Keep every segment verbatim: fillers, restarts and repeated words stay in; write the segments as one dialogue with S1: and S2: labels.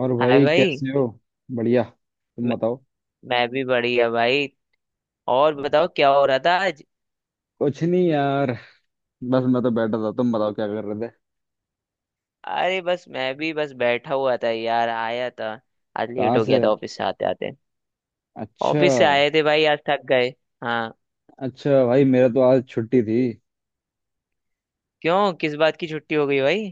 S1: और
S2: हाय
S1: भाई
S2: भाई।
S1: कैसे हो? बढ़िया, तुम
S2: मैं,
S1: बताओ।
S2: मैं भी बढ़िया भाई। और बताओ क्या हो रहा था आज।
S1: कुछ नहीं यार, बस मैं तो बैठा था, तुम बताओ क्या कर रहे थे?
S2: अरे बस मैं भी बस बैठा हुआ था यार, आया था। आज लेट
S1: कहाँ
S2: हो गया
S1: से?
S2: था ऑफिस से आते आते।
S1: अच्छा।
S2: ऑफिस से आए थे भाई, आज थक गए। हाँ।
S1: अच्छा भाई, मेरा तो आज छुट्टी थी।
S2: क्यों, किस बात की छुट्टी हो गई भाई?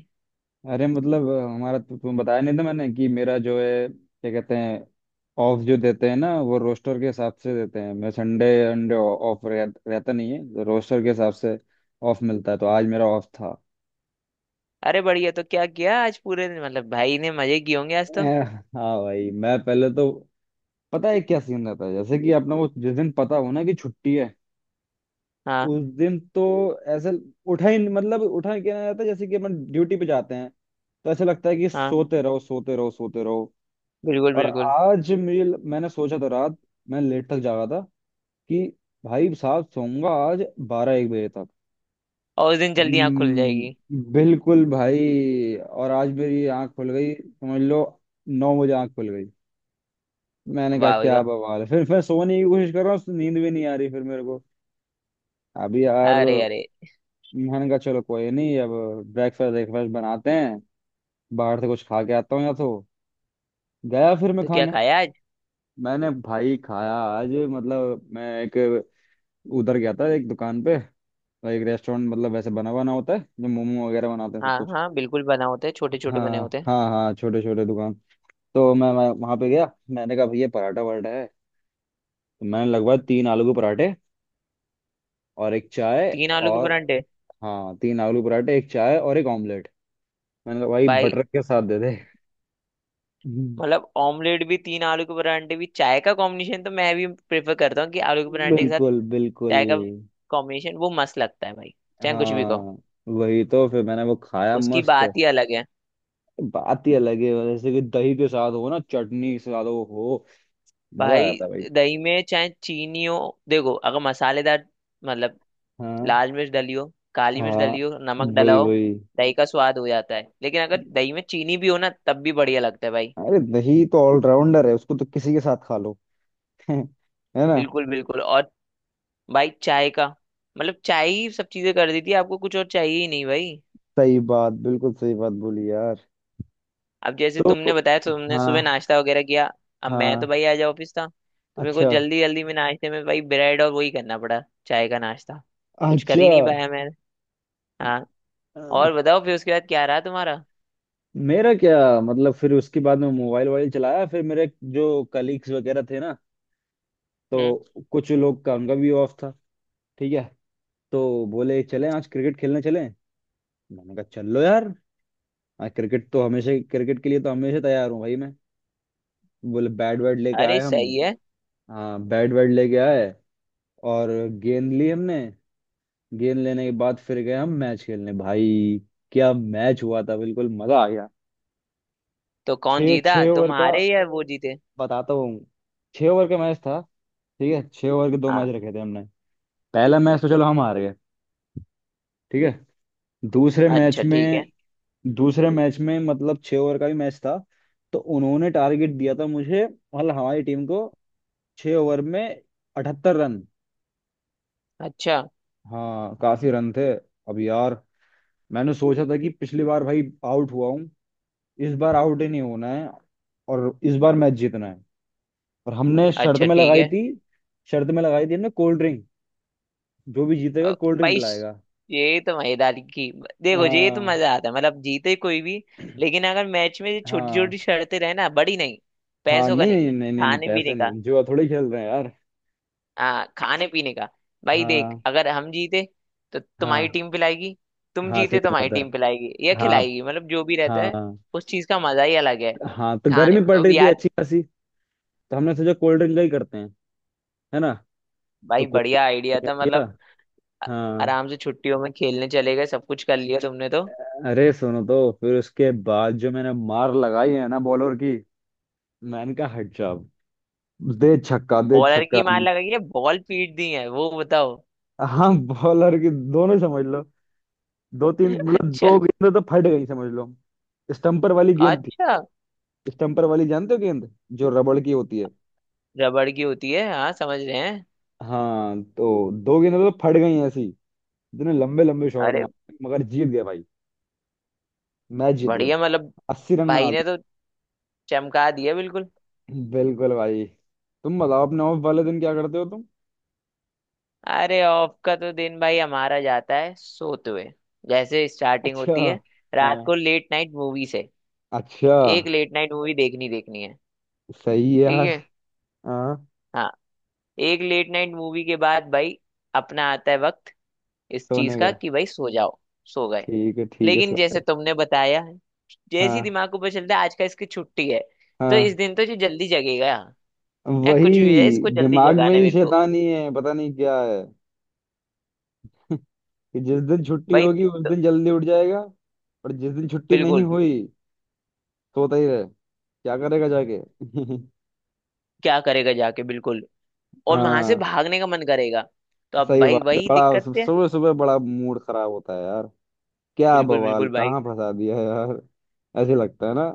S1: अरे मतलब हमारा तो तुम्हें बताया नहीं था मैंने कि मेरा जो है क्या कहते हैं, ऑफ जो देते हैं ना वो रोस्टर के हिसाब से देते हैं। मैं संडे अंडे ऑफ रह, रहता नहीं है तो रोस्टर के हिसाब से ऑफ मिलता है, तो आज मेरा ऑफ था।
S2: अरे बढ़िया, तो क्या किया आज पूरे दिन? मतलब भाई ने मजे किए होंगे आज तो।
S1: ए, हाँ भाई, मैं पहले तो, पता है क्या सीन रहता है जैसे कि अपना वो, जिस दिन पता हो ना कि छुट्टी है,
S2: हाँ
S1: उस दिन तो ऐसे उठा ही मतलब उठा ही क्या ना जाता है जैसे कि अपन ड्यूटी पे जाते हैं, तो ऐसा लगता है कि
S2: हाँ,
S1: सोते रहो सोते रहो सोते रहो।
S2: बिल्कुल
S1: और
S2: बिल्कुल।
S1: आज मेरे, मैंने सोचा था रात, मैं लेट तक जागा था कि भाई साहब सोऊंगा आज बारह एक बजे तक।
S2: और उस दिन जल्दी आँख खुल जाएगी।
S1: हम्म, बिल्कुल भाई। और आज मेरी आंख खुल गई समझ लो, नौ बजे आंख खुल गई। मैंने कहा
S2: वाह भाई
S1: क्या
S2: वाह।
S1: बवाल है, फिर मैं सोने की कोशिश कर रहा हूँ, नींद भी नहीं आ रही फिर मेरे को। अभी यार,
S2: अरे अरे।
S1: मैंने कहा चलो कोई नहीं, अब ब्रेकफास्ट ब्रेकफास्ट बनाते हैं, बाहर से कुछ खा के आता हूँ या तो। गया फिर मैं
S2: तो क्या
S1: खाने।
S2: खाया आज?
S1: मैंने भाई खाया आज, मतलब मैं एक, उधर गया था एक दुकान पे, एक रेस्टोरेंट, मतलब वैसे बना बना होता है, जो मोमो वगैरह बनाते हैं सब
S2: हाँ
S1: कुछ।
S2: हाँ बिल्कुल, बना होते हैं, छोटे छोटे बने
S1: हाँ
S2: होते हैं।
S1: हाँ हाँ, छोटे छोटे दुकान, तो मैं, मैं वहां पे गया। मैंने कहा भैया पराठा वराठा है, तो मैंने लगभग तीन आलू के पराठे और एक चाय
S2: तीन आलू के
S1: और,
S2: परांठे।
S1: हाँ तीन आलू पराठे एक चाय और एक ऑमलेट। मैंने कहा भाई
S2: भाई,
S1: बटर के साथ दे। दे।
S2: मतलब ऑमलेट भी, तीन आलू के परांठे भी, चाय का कॉम्बिनेशन तो मैं भी प्रेफर करता हूँ कि आलू के परांठे के साथ
S1: बिल्कुल बिल्कुल।
S2: चाय का कॉम्बिनेशन वो मस्त लगता है भाई। चाहे कुछ भी कहो।
S1: हाँ वही, तो फिर मैंने वो खाया,
S2: उसकी
S1: मस्त।
S2: बात ही अलग है।
S1: बात ही अलग है, जैसे कि दही के साथ हो ना, चटनी के साथ हो हो, मजा आ
S2: भाई
S1: जाता है भाई।
S2: दही में चाहे चीनी हो, देखो अगर मसालेदार मतलब
S1: हाँ
S2: लाल मिर्च डली हो, काली मिर्च
S1: हाँ,
S2: डली हो, नमक डला
S1: वही
S2: हो,
S1: वही।
S2: दही का स्वाद हो जाता है। लेकिन अगर दही में चीनी भी हो ना, तब भी बढ़िया लगता है भाई।
S1: अरे दही तो ऑलराउंडर है, उसको तो किसी के साथ खा लो। है ना।
S2: बिल्कुल बिल्कुल। और भाई चाय का मतलब, चाय ही सब चीजें कर देती है, आपको कुछ और चाहिए ही नहीं भाई।
S1: सही बात, बिल्कुल सही बात बोली यार।
S2: अब जैसे
S1: तो
S2: तुमने बताया तुमने सुबह
S1: हाँ।
S2: नाश्ता वगैरह किया। अब मैं तो
S1: हाँ।
S2: भाई आज ऑफिस था तो मेरे को
S1: अच्छा।
S2: जल्दी जल्दी में नाश्ते में भाई ब्रेड और वही करना पड़ा। चाय का नाश्ता। कुछ कर
S1: अच्छा।
S2: ही नहीं पाया मैं। हाँ।
S1: अ,
S2: और बताओ फिर उसके बाद क्या रहा तुम्हारा?
S1: मेरा क्या मतलब, फिर उसके बाद में मोबाइल वोबाइल चलाया। फिर मेरे, जो कलीग्स वगैरह थे ना,
S2: हम्म।
S1: तो कुछ लोग का, उनका भी ऑफ था। ठीक है, तो बोले चलें आज क्रिकेट खेलने चलें। मैंने कहा चल लो यार, आज क्रिकेट तो, हमेशा क्रिकेट के लिए तो हमेशा तैयार हूँ भाई मैं। बोले बैट वैट लेके
S2: अरे
S1: आए हम।
S2: सही है।
S1: हाँ बैट वैट लेके आए और गेंद ली हमने। गेंद लेने के बाद फिर गए हम मैच खेलने भाई। क्या मैच हुआ था, बिल्कुल मजा आ गया।
S2: तो कौन
S1: छः
S2: जीता,
S1: छः ओवर का,
S2: तुम्हारे या वो जीते?
S1: बताता हूँ। छः ओवर का मैच था। ठीक है, छः ओवर के दो
S2: हाँ।
S1: मैच रखे थे हमने। पहला मैच तो चलो हम हार गए, ठीक है। दूसरे मैच
S2: अच्छा ठीक है।
S1: में, दूसरे मैच में मतलब छह ओवर का भी मैच था, तो उन्होंने टारगेट दिया था मुझे, मतलब हमारी टीम को, छह ओवर में अठहत्तर रन।
S2: अच्छा।
S1: हाँ काफी रन थे। अब यार, मैंने सोचा था कि पिछली बार भाई आउट हुआ हूँ, इस बार आउट ही नहीं होना है और इस बार मैच जीतना है। और हमने शर्त
S2: अच्छा
S1: में
S2: ठीक
S1: लगाई
S2: है।
S1: थी, शर्त में लगाई थी हमने कोल्ड ड्रिंक, जो भी जीतेगा
S2: अ,
S1: कोल्ड ड्रिंक
S2: भाई श-
S1: पिलाएगा।
S2: ये तो मजेदारी की। देखो ये तो
S1: हाँ
S2: मजा आता है, मतलब जीते कोई भी, लेकिन अगर मैच में छोटी
S1: हाँ
S2: छोटी शर्तें रहे ना, बड़ी नहीं।
S1: हाँ
S2: पैसों का
S1: नहीं
S2: नहीं,
S1: नहीं नहीं नहीं नहीं,
S2: खाने
S1: पैसे
S2: पीने का।
S1: नहीं, जुआ थोड़ी खेल रहे हैं यार।
S2: हाँ खाने पीने का। भाई देख
S1: हाँ
S2: अगर हम जीते तो तुम्हारी
S1: हाँ
S2: टीम पिलाएगी। तुम
S1: हाँ
S2: जीते तो
S1: सही
S2: हमारी
S1: बात
S2: टीम पिलाएगी या
S1: है। हाँ।
S2: खिलाएगी, मतलब जो भी रहता है।
S1: हाँ।
S2: उस चीज का मजा ही अलग है।
S1: हाँ, तो
S2: खाने,
S1: गर्मी पड़
S2: अब
S1: रही थी
S2: यार
S1: अच्छी खासी, तो हमने सोचा कोल्ड ड्रिंक का ही करते हैं, है ना। तो
S2: भाई
S1: कोल्ड
S2: बढ़िया आइडिया
S1: ड्रिंक
S2: था
S1: किया।
S2: मतलब।
S1: हाँ।
S2: आराम से छुट्टियों में खेलने चले गए, सब कुछ कर लिया तुमने तो।
S1: अरे सुनो, तो फिर उसके बाद जो मैंने मार लगाई है ना बॉलर की। मैंने कहा हट जा अब। दे छक्का, दे
S2: बॉलर
S1: छक्का।
S2: की मार लगाई है, बॉल पीट दी है, वो बताओ।
S1: हाँ बॉलर की, दोनों समझ लो, दो तीन मतलब
S2: अच्छा।
S1: दो गेंद तो फट गई समझ लो। स्टम्पर वाली गेंद थी।
S2: अच्छा।
S1: स्टम्पर वाली जानते हो गेंद, जो रबड़ की होती है।
S2: रबड़ की होती है, हाँ समझ रहे हैं।
S1: हाँ, तो दो गेंद तो फट गई ऐसी, इतने लंबे लंबे शॉट
S2: अरे
S1: मारे, मगर जीत गए भाई। मैच जीत गए।
S2: बढ़िया, मतलब
S1: अस्सी रन बना
S2: भाई ने तो चमका दिया बिल्कुल।
S1: लिए बिल्कुल भाई। तुम बताओ, अपने ऑफ वाले दिन क्या करते हो तुम?
S2: अरे ऑफ का तो दिन भाई हमारा जाता है सोते हुए। जैसे स्टार्टिंग
S1: अच्छा।
S2: होती है
S1: हाँ।
S2: रात को लेट नाइट मूवी से।
S1: अच्छा।
S2: एक लेट नाइट मूवी देखनी देखनी है।
S1: सही है
S2: ठीक
S1: यार।
S2: है।
S1: हाँ।
S2: हाँ। एक लेट नाइट मूवी के बाद भाई अपना आता है वक्त इस चीज
S1: सोने
S2: का
S1: का।
S2: कि भाई सो जाओ। सो गए।
S1: ठीक है ठीक है
S2: लेकिन
S1: सर।
S2: जैसे तुमने बताया, जैसे ही
S1: हाँ।
S2: दिमाग को पता चलता है आज का इसकी छुट्टी है तो इस
S1: हाँ,
S2: दिन तो ये जल्दी जगेगा। या कुछ भी है,
S1: वही
S2: इसको जल्दी
S1: दिमाग में
S2: जगाना है
S1: ही
S2: मेरे को।
S1: शैतानी है पता नहीं क्या है। कि जिस दिन छुट्टी
S2: भाई
S1: होगी उस दिन जल्दी उठ जाएगा, और जिस दिन छुट्टी नहीं
S2: बिल्कुल।
S1: हुई सोता ही रहे। क्या करेगा जाके।
S2: क्या करेगा जाके, बिल्कुल। और वहां से
S1: हाँ
S2: भागने का मन करेगा। तो अब
S1: सही
S2: भाई
S1: बात है,
S2: वही
S1: बड़ा
S2: दिक्कत है।
S1: सुबह सुबह बड़ा मूड खराब होता है यार। क्या
S2: बिल्कुल
S1: बवाल,
S2: बिल्कुल भाई।
S1: कहाँ फंसा दिया यार। ऐसे लगता है ना।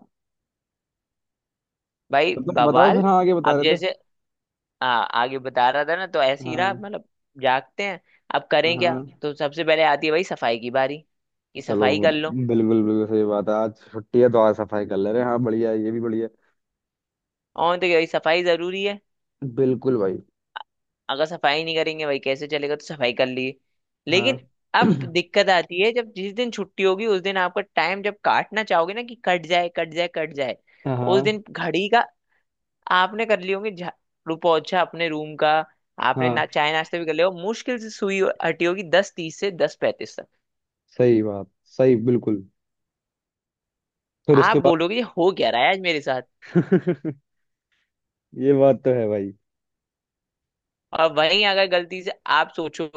S2: भाई
S1: तो तुम बताओ
S2: बवाल।
S1: फिर, हाँ आगे बता
S2: अब
S1: रहे थे।
S2: जैसे आ, आगे बता रहा था ना, तो ऐसे ही रहा
S1: हाँ।
S2: मतलब जागते हैं। अब करें क्या,
S1: हाँ।
S2: तो सबसे पहले आती है भाई सफाई की बारी, कि
S1: चलो
S2: सफाई
S1: वो-
S2: कर लो।
S1: बिल्कुल बिल्कुल सही बात है, आज छुट्टी है तो आज सफाई कर ले रहे हैं, हाँ बढ़िया है, ये भी बढ़िया
S2: और तो भाई सफाई जरूरी है।
S1: है। बिल्कुल भाई।
S2: अगर सफाई नहीं करेंगे भाई कैसे चलेगा, तो सफाई कर लिए।
S1: हाँ।
S2: लेकिन अब दिक्कत आती है, जब जिस दिन छुट्टी होगी उस दिन आपका टाइम जब काटना चाहोगे ना, कि कट जाए कट जाए कट जाए। उस
S1: हाँ।
S2: दिन घड़ी का आपने कर लिए होंगे झा- रुपौछा अपने रूम का। आपने
S1: हाँ,
S2: ना चाय नाश्ते भी कर लिया हो, मुश्किल से सुई हटी होगी दस तीस से दस पैंतीस तक।
S1: सही बात, सही, बिल्कुल। फिर
S2: आप
S1: उसके बाद।
S2: बोलोगे ये हो क्या रहा है आज मेरे साथ।
S1: ये बात तो है भाई।
S2: और वहीं अगर गलती से आप सोचो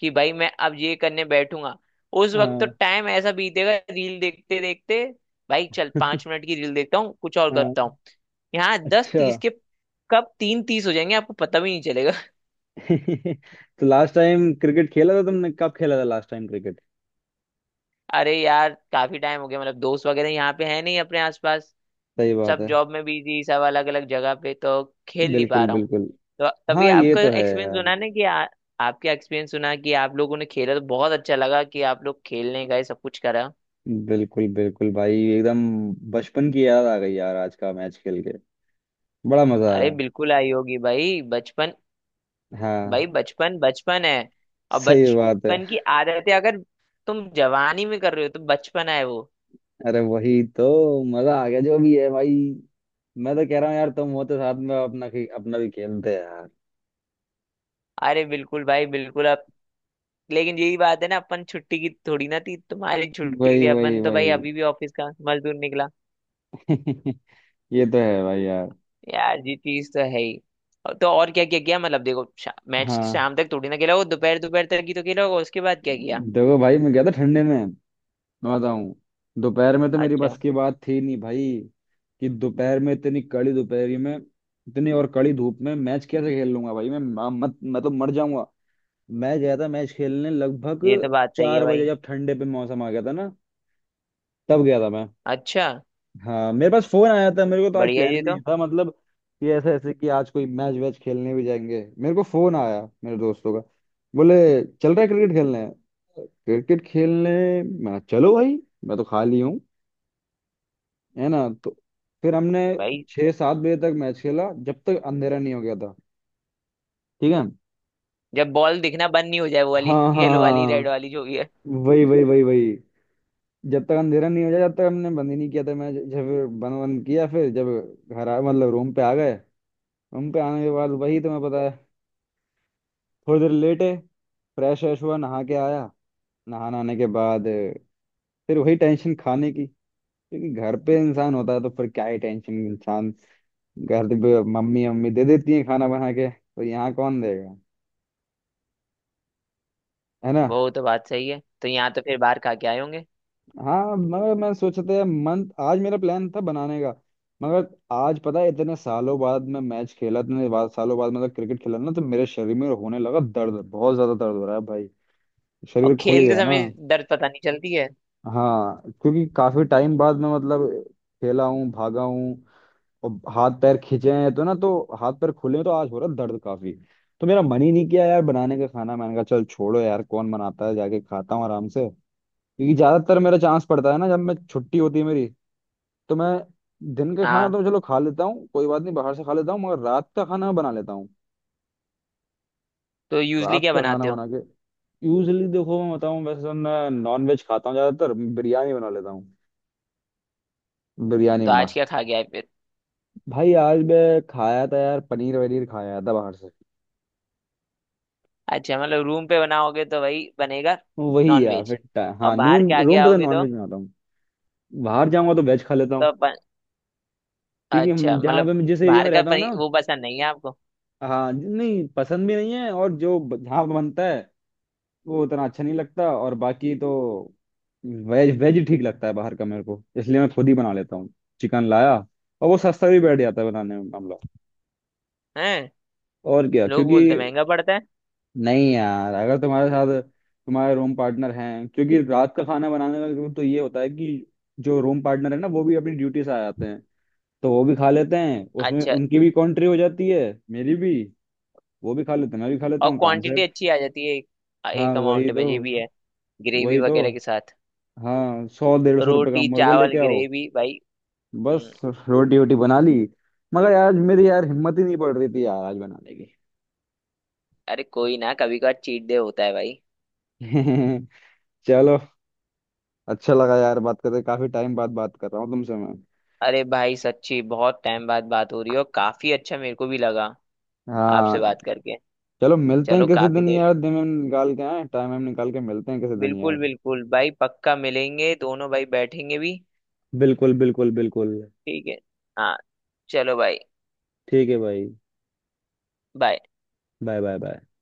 S2: कि भाई मैं अब ये करने बैठूंगा, उस वक्त तो
S1: हाँ।
S2: टाइम ऐसा बीतेगा, रील देखते देखते भाई, चल पांच मिनट की रील देखता हूँ, कुछ और करता
S1: हाँ।
S2: हूँ। यहाँ दस
S1: अच्छा।
S2: तीस के कब तीन तीस हो जाएंगे आपको पता भी नहीं चलेगा।
S1: तो लास्ट टाइम क्रिकेट खेला था तुमने, कब खेला था लास्ट टाइम क्रिकेट?
S2: अरे यार काफी टाइम हो गया, मतलब दोस्त वगैरह यहाँ पे है नहीं अपने आसपास।
S1: सही बात
S2: सब
S1: है।
S2: जॉब में बिजी, सब अलग अलग जगह पे, तो खेल नहीं पा
S1: बिल्कुल
S2: रहा हूँ।
S1: बिल्कुल।
S2: तो तभी
S1: हाँ ये
S2: आपका
S1: तो है
S2: एक्सपीरियंस
S1: यार।
S2: सुना ना कि आ, आपका एक्सपीरियंस सुना कि आप लोगों ने खेला तो बहुत अच्छा लगा, कि आप लोग खेलने गए सब कुछ करा।
S1: बिल्कुल बिल्कुल भाई, एकदम बचपन की याद आ गई यार, आज का मैच खेल के बड़ा मजा
S2: अरे
S1: आया।
S2: बिल्कुल आई होगी भाई बचपन।
S1: हाँ
S2: भाई बचपन बचपन है। और
S1: सही बात है।
S2: बचपन की आदतें अगर तुम जवानी में कर रहे हो तो बचपन है वो।
S1: अरे वही तो, मजा आ गया जो भी है भाई। मैं तो कह रहा हूँ यार, तुम होते साथ में, अपना खे- अपना भी खेलते हैं यार।
S2: अरे बिल्कुल भाई बिल्कुल। अब लेकिन यही बात है ना, अपन छुट्टी की थोड़ी ना थी, तुम्हारी छुट्टी
S1: वही
S2: थी,
S1: वही
S2: अपन तो भाई
S1: वही।
S2: अभी भी ऑफिस का मजदूर निकला।
S1: ये तो है भाई यार।
S2: यार ये चीज तो है ही। और- तो और क्या क्या किया मतलब, देखो शा, मैच
S1: हाँ,
S2: शाम तक थोड़ी ना खेला, वो दोपहर दोपहर तक ही तो खेला होगा, उसके बाद क्या किया।
S1: देखो भाई मैं गया था ठंडे में, मैं बताऊं, दोपहर में तो मेरी
S2: अच्छा।
S1: बस की बात थी नहीं भाई, कि दोपहर में इतनी कड़ी दोपहरी में, इतनी और कड़ी धूप में मैच कैसे खेल लूंगा भाई, मैं म- मत मैं तो मर जाऊंगा। मैं गया था मैच खेलने लगभग
S2: ये तो बात सही है
S1: चार बजे,
S2: भाई।
S1: जब ठंडे पे मौसम आ गया था ना, तब गया था मैं।
S2: अच्छा।
S1: हाँ, मेरे पास फोन आया था, मेरे को तो आज
S2: बढ़िया
S1: प्लान
S2: ये
S1: भी नहीं
S2: तो
S1: था मतलब, कि ऐसे ऐसे कि आज कोई मैच वैच खेलने भी जाएंगे। मेरे को फोन आया मेरे दोस्तों का, बोले चल रहा है क्रिकेट खेलने, क्रिकेट खेलने। मैं चलो भाई, मैं तो खाली हूँ, है ना। तो फिर हमने
S2: भाई।
S1: छः सात बजे तक मैच खेला, जब तक अंधेरा नहीं हो गया था। ठीक है।
S2: जब बॉल दिखना बंद नहीं हो जाए, वो वाली
S1: हाँ हाँ
S2: येलो वाली रेड वाली
S1: हाँ।
S2: जो भी है।
S1: वही वही वही वही। जब तक अंधेरा नहीं हो जाए तब तक हमने बंद ही नहीं किया था मैच, जब बंद बंद किया फिर, जब घर आ मतलब रूम पे आ गए। रूम पे आने के बाद वही तुम्हें पता है, थोड़ी देर लेटे, फ्रेश व्रेश हुआ, नहा के आया। नहा नहाने आने के बाद, फिर वही टेंशन खाने की। क्योंकि घर पे इंसान होता है तो फिर क्या ही टेंशन इंसान, घर पे मम्मी मम्मी दे देती है खाना बना के, तो यहाँ कौन देगा, है ना।
S2: वो तो बात सही है, तो यहाँ तो फिर बाहर खा के आए होंगे।
S1: हाँ, मगर मैं सोचा था मंथ, आज मेरा प्लान था बनाने का, मगर आज पता है इतने सालों बाद मैं मैच खेला, इतने बाद सालों बाद मतलब क्रिकेट खेला ना, तो मेरे शरीर में होने लगा दर्द, बहुत ज्यादा दर्द हो रहा है भाई,
S2: और
S1: शरीर खुल
S2: खेलते
S1: गया ना।
S2: समय दर्द पता नहीं चलती है।
S1: हाँ, क्योंकि काफी टाइम बाद मैं मतलब खेला हूँ, भागा हूँ, और हाथ पैर खींचे हैं तो ना, तो हाथ पैर खुले हैं तो आज हो रहा है दर्द काफी। तो मेरा मन ही नहीं किया यार बनाने का खाना, मैंने कहा चल छोड़ो यार कौन बनाता है, जाके खाता हूँ आराम से। क्योंकि ज्यादातर मेरा चांस पड़ता है ना, जब मैं छुट्टी होती है मेरी, तो मैं दिन का खाना
S2: हाँ।
S1: तो चलो खा लेता हूँ, कोई बात नहीं बाहर से खा लेता हूँ, मगर रात का खाना बना लेता हूँ।
S2: तो यूजली
S1: रात
S2: क्या
S1: का खाना
S2: बनाते हो?
S1: बना के, यूजली देखो मैं बताऊँ, वैसे तो मैं नॉन वेज खाता हूँ, ज्यादातर बिरयानी बना लेता हूँ। बिरयानी
S2: तो आज
S1: मस्त।
S2: क्या खा के आए फिर?
S1: भाई आज मैं खाया था यार पनीर वनीर, खाया था बाहर से।
S2: अच्छा मतलब रूम पे बनाओगे तो भाई बनेगा
S1: वही
S2: नॉन
S1: यार
S2: वेज।
S1: फिट,
S2: और
S1: हाँ
S2: बाहर
S1: नून
S2: के आगे
S1: रूम पे तो
S2: आओगे
S1: नॉन
S2: तो?
S1: वेज बनाता हूँ। बाहर जाऊंगा तो वेज खा लेता
S2: तो
S1: हूँ, क्योंकि
S2: अच्छा,
S1: हम- जहाँ पे
S2: मतलब
S1: मैं जिस एरिया
S2: बाहर
S1: में
S2: का
S1: रहता हूँ
S2: पनी
S1: ना।
S2: वो पसंद नहीं है आपको?
S1: हाँ, ज- नहीं पसंद भी नहीं है, और जो ब- जहाँ पे बनता है वो उतना अच्छा नहीं लगता, और बाकी तो वेज वेज ही ठीक लगता है बाहर का मेरे को, इसलिए मैं खुद ही बना लेता हूँ, चिकन लाया, और वो सस्ता भी बैठ जाता है बनाने में मामला,
S2: हैं,
S1: और क्या
S2: लोग
S1: क्योंकि,
S2: बोलते महंगा पड़ता है।
S1: नहीं यार अगर तुम्हारे साथ तुम्हारे रूम पार्टनर हैं, क्योंकि रात का खाना बनाने का तो ये होता है कि जो रूम पार्टनर है ना वो भी अपनी ड्यूटी से आ जाते हैं, तो वो भी खा लेते हैं, उसमें
S2: अच्छा।
S1: उनकी भी कॉन्ट्री हो जाती है, मेरी भी, वो भी खा लेते हैं मैं भी खा लेता
S2: और
S1: हूँ, काम
S2: क्वांटिटी
S1: सेट।
S2: अच्छी आ जाती है, एक,
S1: हाँ
S2: एक
S1: वही
S2: अमाउंट
S1: तो,
S2: में ये भी है, ग्रेवी
S1: वही तो।
S2: वगैरह के साथ।
S1: हाँ, सौ डेढ़ सौ रुपये का
S2: रोटी
S1: मुर्गा
S2: चावल
S1: लेके आओ,
S2: ग्रेवी भाई।
S1: बस।
S2: हम्म।
S1: रोटी वोटी बना ली, मगर यार मेरी यार हिम्मत ही नहीं पड़ रही थी यार आज बनाने
S2: अरे कोई ना, कभी कभार चीट डे होता है भाई।
S1: की। चलो, अच्छा लगा यार बात करके, काफी टाइम बाद बात कर रहा हूँ तुमसे मैं।
S2: अरे भाई सच्ची बहुत टाइम बाद बात हो रही हो, काफी अच्छा मेरे को भी लगा आपसे
S1: हाँ,
S2: बात करके।
S1: चलो मिलते हैं
S2: चलो
S1: किसी
S2: काफी
S1: दिन
S2: देर।
S1: यार, दिन में निकाल के, आए टाइम वाइम निकाल के, मिलते हैं किसी दिन
S2: बिल्कुल
S1: यार।
S2: बिल्कुल भाई, पक्का मिलेंगे, दोनों भाई बैठेंगे भी।
S1: बिल्कुल बिल्कुल बिल्कुल।
S2: ठीक है। हाँ। चलो भाई।
S1: ठीक है भाई।
S2: बाय।
S1: Bye bye bye.